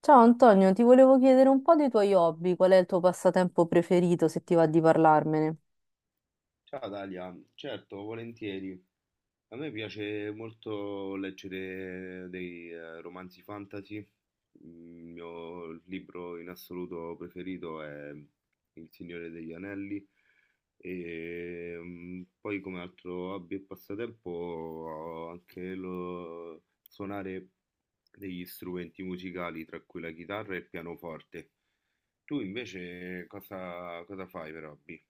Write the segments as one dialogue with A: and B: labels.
A: Ciao Antonio, ti volevo chiedere un po' dei tuoi hobby, qual è il tuo passatempo preferito, se ti va di parlarmene?
B: Ciao Dalia, certo, volentieri. A me piace molto leggere dei romanzi fantasy. Il mio libro in assoluto preferito è Il Signore degli Anelli. Poi come altro hobby e passatempo ho anche lo suonare degli strumenti musicali, tra cui la chitarra e il pianoforte. Tu invece cosa fai per hobby?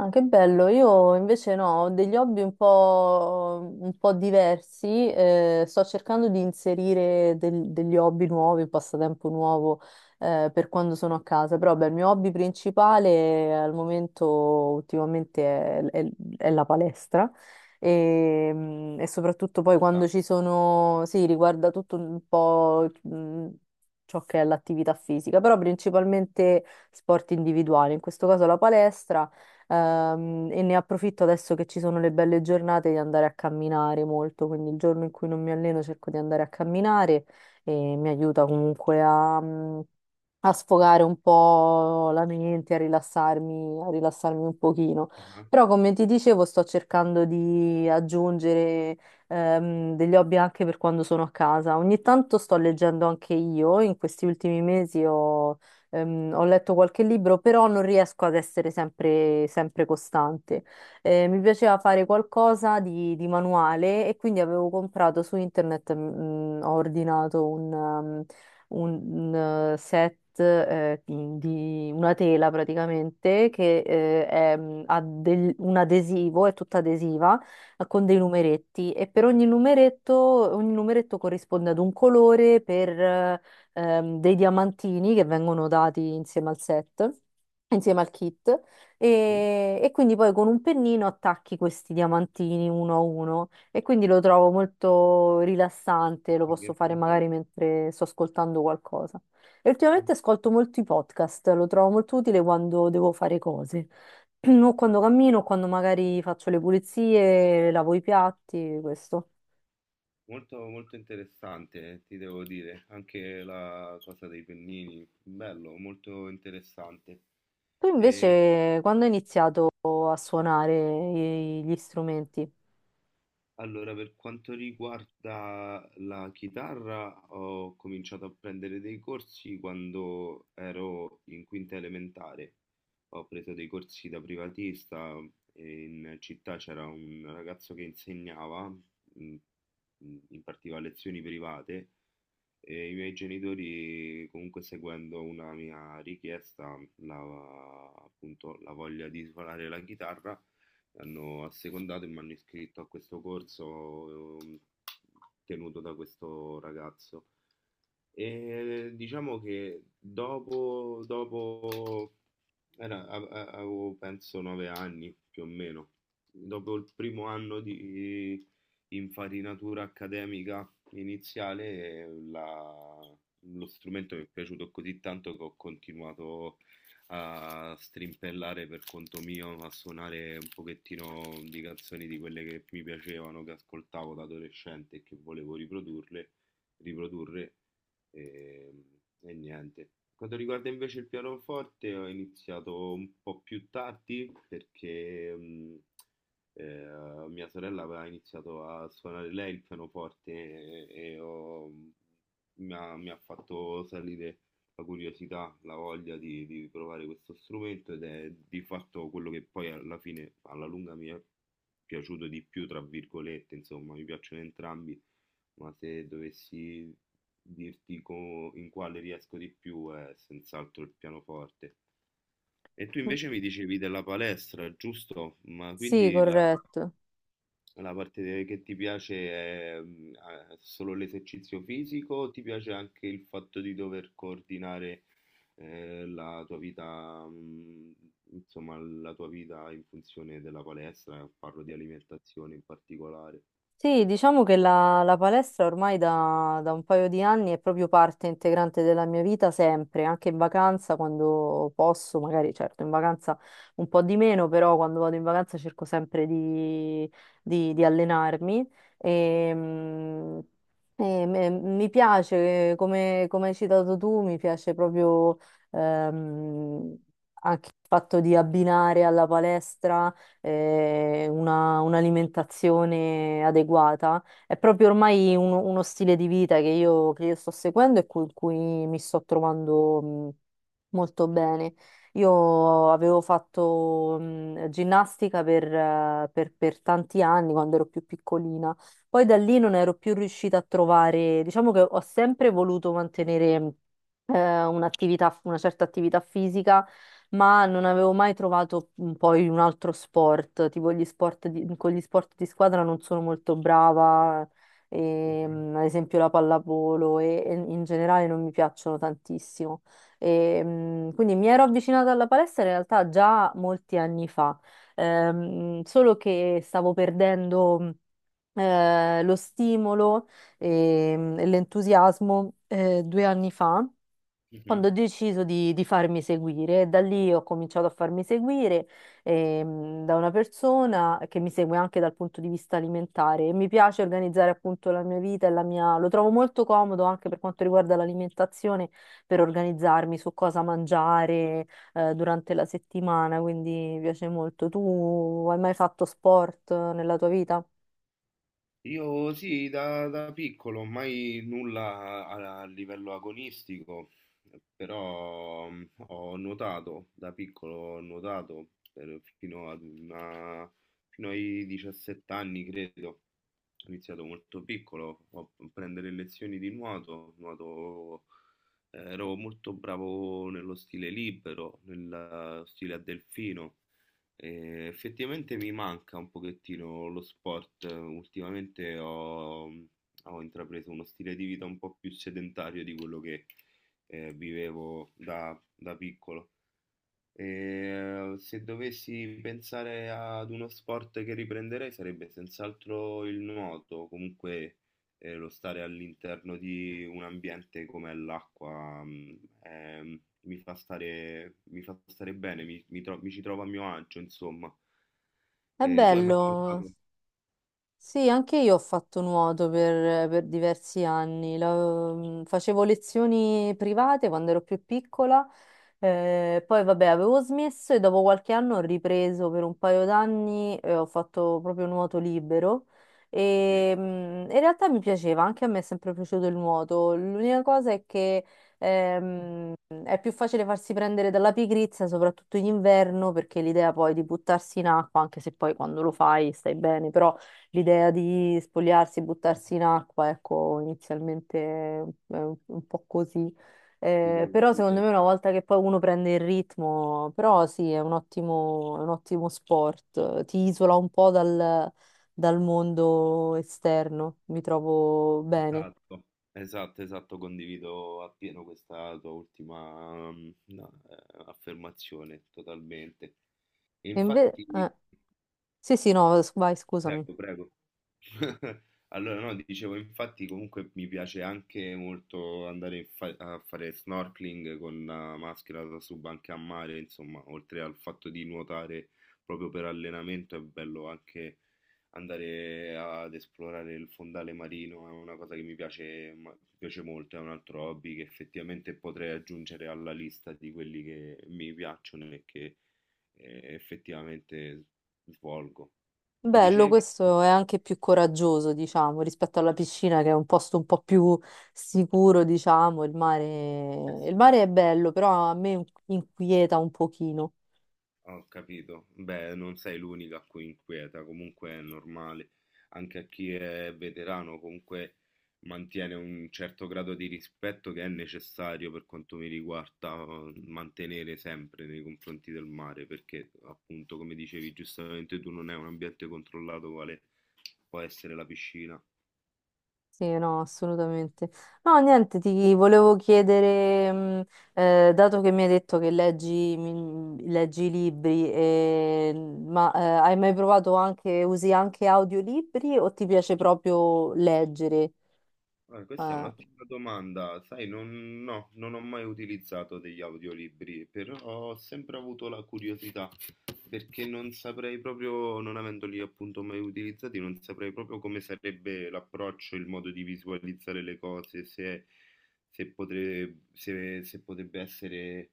A: Ah, che bello, io invece no, ho degli hobby un po' diversi. Eh, sto cercando di inserire degli hobby nuovi, un passatempo nuovo per quando sono a casa, però beh, il mio hobby principale al momento ultimamente è la palestra e, e soprattutto poi quando
B: Ah,
A: ci sono, sì, riguarda tutto un po', ciò che è l'attività fisica, però principalmente sport individuali, in questo caso la palestra. E ne approfitto adesso che ci sono le belle giornate di andare a camminare molto, quindi il giorno in cui non mi alleno cerco di andare a camminare e mi aiuta comunque a, a sfogare un po' la mente, a rilassarmi un pochino.
B: ah,
A: Però, come ti dicevo, sto cercando di aggiungere degli hobby anche per quando sono a casa. Ogni tanto sto leggendo anche io. In questi ultimi mesi ho letto qualche libro, però non riesco ad essere sempre, sempre costante. Mi piaceva fare qualcosa di manuale e quindi avevo comprato su internet, ho ordinato un set di una tela praticamente che è, un adesivo, è tutta adesiva, con dei
B: sì,
A: numeretti e per ogni numeretto corrisponde ad un colore per dei diamantini che vengono dati insieme al set. Insieme al kit,
B: sì.
A: e quindi poi con un pennino attacchi questi diamantini uno a uno. E quindi lo trovo molto rilassante, lo
B: Un
A: posso
B: game
A: fare
B: plan.
A: magari mentre sto ascoltando qualcosa. E ultimamente ascolto molti podcast, lo trovo molto utile quando devo fare cose, o quando cammino, o quando magari faccio le pulizie, lavo i piatti, questo.
B: Molto, molto interessante, ti devo dire. Anche la cosa dei pennini, bello, molto interessante.
A: Tu
B: E
A: invece, quando hai iniziato a suonare gli strumenti?
B: allora, per quanto riguarda la chitarra, ho cominciato a prendere dei corsi quando ero in quinta elementare. Ho preso dei corsi da privatista e in città c'era un ragazzo che insegnava, impartiva lezioni private. E i miei genitori, comunque seguendo una mia richiesta, la, appunto la voglia di suonare la chitarra, hanno assecondato e mi hanno iscritto a questo corso tenuto da questo ragazzo. E diciamo che dopo avevo penso 9 anni più o meno, dopo il primo anno di infarinatura accademica iniziale, lo strumento mi è piaciuto così tanto che ho continuato a strimpellare per conto mio, a suonare un pochettino di canzoni di quelle che mi piacevano, che ascoltavo da adolescente e che volevo riprodurle riprodurre e, e niente. Quanto riguarda invece il pianoforte, ho iniziato un po' più tardi perché mia sorella aveva iniziato a suonare lei il pianoforte e mi ha fatto salire la curiosità, la voglia di provare questo strumento ed è di fatto quello che poi alla fine, alla lunga, mi è piaciuto di più, tra virgolette, insomma, mi piacciono entrambi, ma se dovessi in quale riesco di più è senz'altro il pianoforte. E tu invece mi dicevi della palestra, giusto? Ma
A: Sì,
B: quindi la,
A: corretto.
B: che ti piace è solo l'esercizio fisico, o ti piace anche il fatto di dover coordinare la tua vita, insomma, la tua vita in funzione della palestra? Parlo di alimentazione in particolare.
A: Sì, diciamo che la, la palestra ormai da, da un paio di anni è proprio parte integrante della mia vita sempre, anche in vacanza quando posso, magari certo in vacanza un po' di meno, però quando vado in vacanza cerco sempre di, di allenarmi.
B: Ah,
A: E, e mi piace, come, come hai citato tu, mi piace proprio, ehm, anche il fatto di abbinare alla palestra un'alimentazione adeguata. È proprio ormai uno, uno stile di vita che io sto seguendo e con cui mi sto trovando molto bene. Io avevo fatto ginnastica per, per tanti anni quando ero più piccolina, poi da lì non ero più riuscita a trovare. Diciamo che ho sempre voluto mantenere un'attività, una certa attività fisica, ma non avevo mai trovato, poi un altro sport, tipo gli sport con gli sport di squadra non sono molto brava, e,
B: mhm,
A: ad esempio la pallavolo e in generale non mi piacciono tantissimo. E, quindi mi ero avvicinata alla palestra in realtà già molti anni fa. Solo che stavo perdendo lo stimolo e, e l'entusiasmo, due anni fa,
B: mhm.
A: quando ho deciso di farmi seguire, da lì ho cominciato a farmi seguire da una persona che mi segue anche dal punto di vista alimentare. E mi piace organizzare appunto la mia vita e la mia... lo trovo molto comodo anche per quanto riguarda l'alimentazione, per organizzarmi su cosa mangiare durante la settimana, quindi mi piace molto. Tu hai mai fatto sport nella tua vita?
B: Io sì, da piccolo, mai nulla a livello agonistico, però ho nuotato, da piccolo ho fino ai 17 anni, credo. Ho iniziato molto piccolo a prendere lezioni di nuoto, ero molto bravo nello stile libero, nello stile a delfino. E effettivamente mi manca un pochettino lo sport. Ultimamente ho intrapreso uno stile di vita un po' più sedentario di quello che vivevo da piccolo. E se dovessi pensare ad uno sport che riprenderei sarebbe senz'altro il nuoto, comunque lo stare all'interno di un ambiente come l'acqua mi fa stare bene, mi ci trovo a mio agio, insomma.
A: È
B: Tu hai mai
A: bello.
B: nuotato?
A: Sì, anche io ho fatto nuoto per diversi anni. Facevo lezioni private quando ero più piccola, poi vabbè avevo smesso e dopo qualche anno ho ripreso per un paio d'anni e ho fatto proprio nuoto libero.
B: Sì,
A: E, in realtà mi piaceva, anche a me è sempre piaciuto il nuoto. L'unica cosa è che ehm, è più facile farsi prendere dalla pigrizia, soprattutto in inverno, perché l'idea poi di buttarsi in acqua, anche se poi quando lo fai stai bene, però l'idea di spogliarsi e buttarsi in acqua, ecco, inizialmente è un po' così.
B: ti devo
A: Però secondo
B: dire.
A: me una volta che poi uno prende il ritmo, però sì, è un ottimo sport, ti isola un po' dal, dal mondo esterno, mi trovo bene.
B: Esatto, esatto, esatto, condivido appieno questa tua ultima mm, no, affermazione, totalmente.
A: E inve-
B: Infatti,
A: eh, sì, sì, no, vai, scusami.
B: prego, prego. Allora, no, dicevo, infatti comunque mi piace anche molto andare a fare snorkeling con la maschera da sub anche a mare, insomma, oltre al fatto di nuotare proprio per allenamento, è bello anche andare ad esplorare il fondale marino, è una cosa che mi piace, mi piace molto, è un altro hobby che effettivamente potrei aggiungere alla lista di quelli che mi piacciono e che effettivamente svolgo.
A: Bello,
B: Dicevi?
A: questo è anche più coraggioso, diciamo, rispetto alla piscina che è un posto un po' più sicuro. Diciamo,
B: Eh
A: il
B: sì.
A: mare è bello, però a me inquieta un pochino.
B: Ho capito. Beh, non sei l'unica a cui inquieta, comunque è normale. Anche a chi è veterano, comunque mantiene un certo grado di rispetto che è necessario per quanto mi riguarda mantenere sempre nei confronti del mare, perché appunto, come dicevi giustamente tu, non è un ambiente controllato quale può essere la piscina.
A: Sì, no, assolutamente. No, niente, ti volevo chiedere, dato che mi hai detto che leggi, leggi libri, ma eh, hai mai provato anche, usi anche audiolibri o ti piace proprio leggere?
B: Ah, questa è
A: Eh,
B: un'ottima domanda. Sai, non, no, non ho mai utilizzato degli audiolibri, però ho sempre avuto la curiosità, perché non saprei proprio, non avendoli appunto mai utilizzati, non saprei proprio come sarebbe l'approccio, il modo di visualizzare le cose, se, se potrebbe essere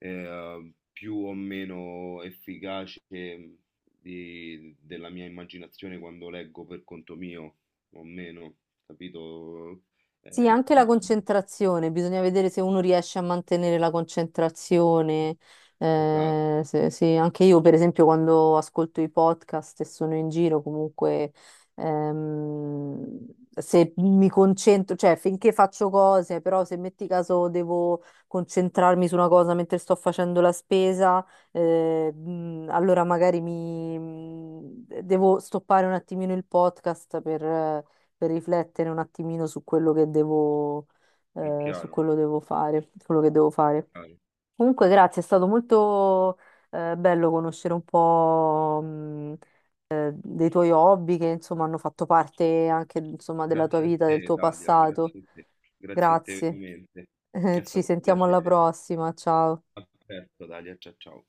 B: più o meno efficace della mia immaginazione quando leggo per conto mio, o meno, capito?
A: Sì,
B: Eh,
A: anche la concentrazione, bisogna vedere se uno riesce a mantenere la concentrazione.
B: esatto,
A: Anche io, per esempio, quando ascolto i podcast e sono in giro, comunque, se mi concentro, cioè finché faccio cose, però se metti caso devo concentrarmi su una cosa mentre sto facendo la spesa, allora magari mi devo stoppare un attimino il podcast per riflettere un attimino su quello che devo,
B: è
A: su
B: chiaro,
A: quello devo fare, quello che devo fare.
B: chiaro.
A: Comunque, grazie, è stato molto, bello conoscere un po', dei tuoi hobby che, insomma, hanno fatto parte anche, insomma, della tua
B: Grazie a
A: vita, del
B: te,
A: tuo
B: Dalia,
A: passato.
B: grazie a te
A: Grazie.
B: veramente. È
A: Ci
B: stato un
A: sentiamo alla
B: piacere.
A: prossima, ciao.
B: A presto, Dalia, ciao ciao.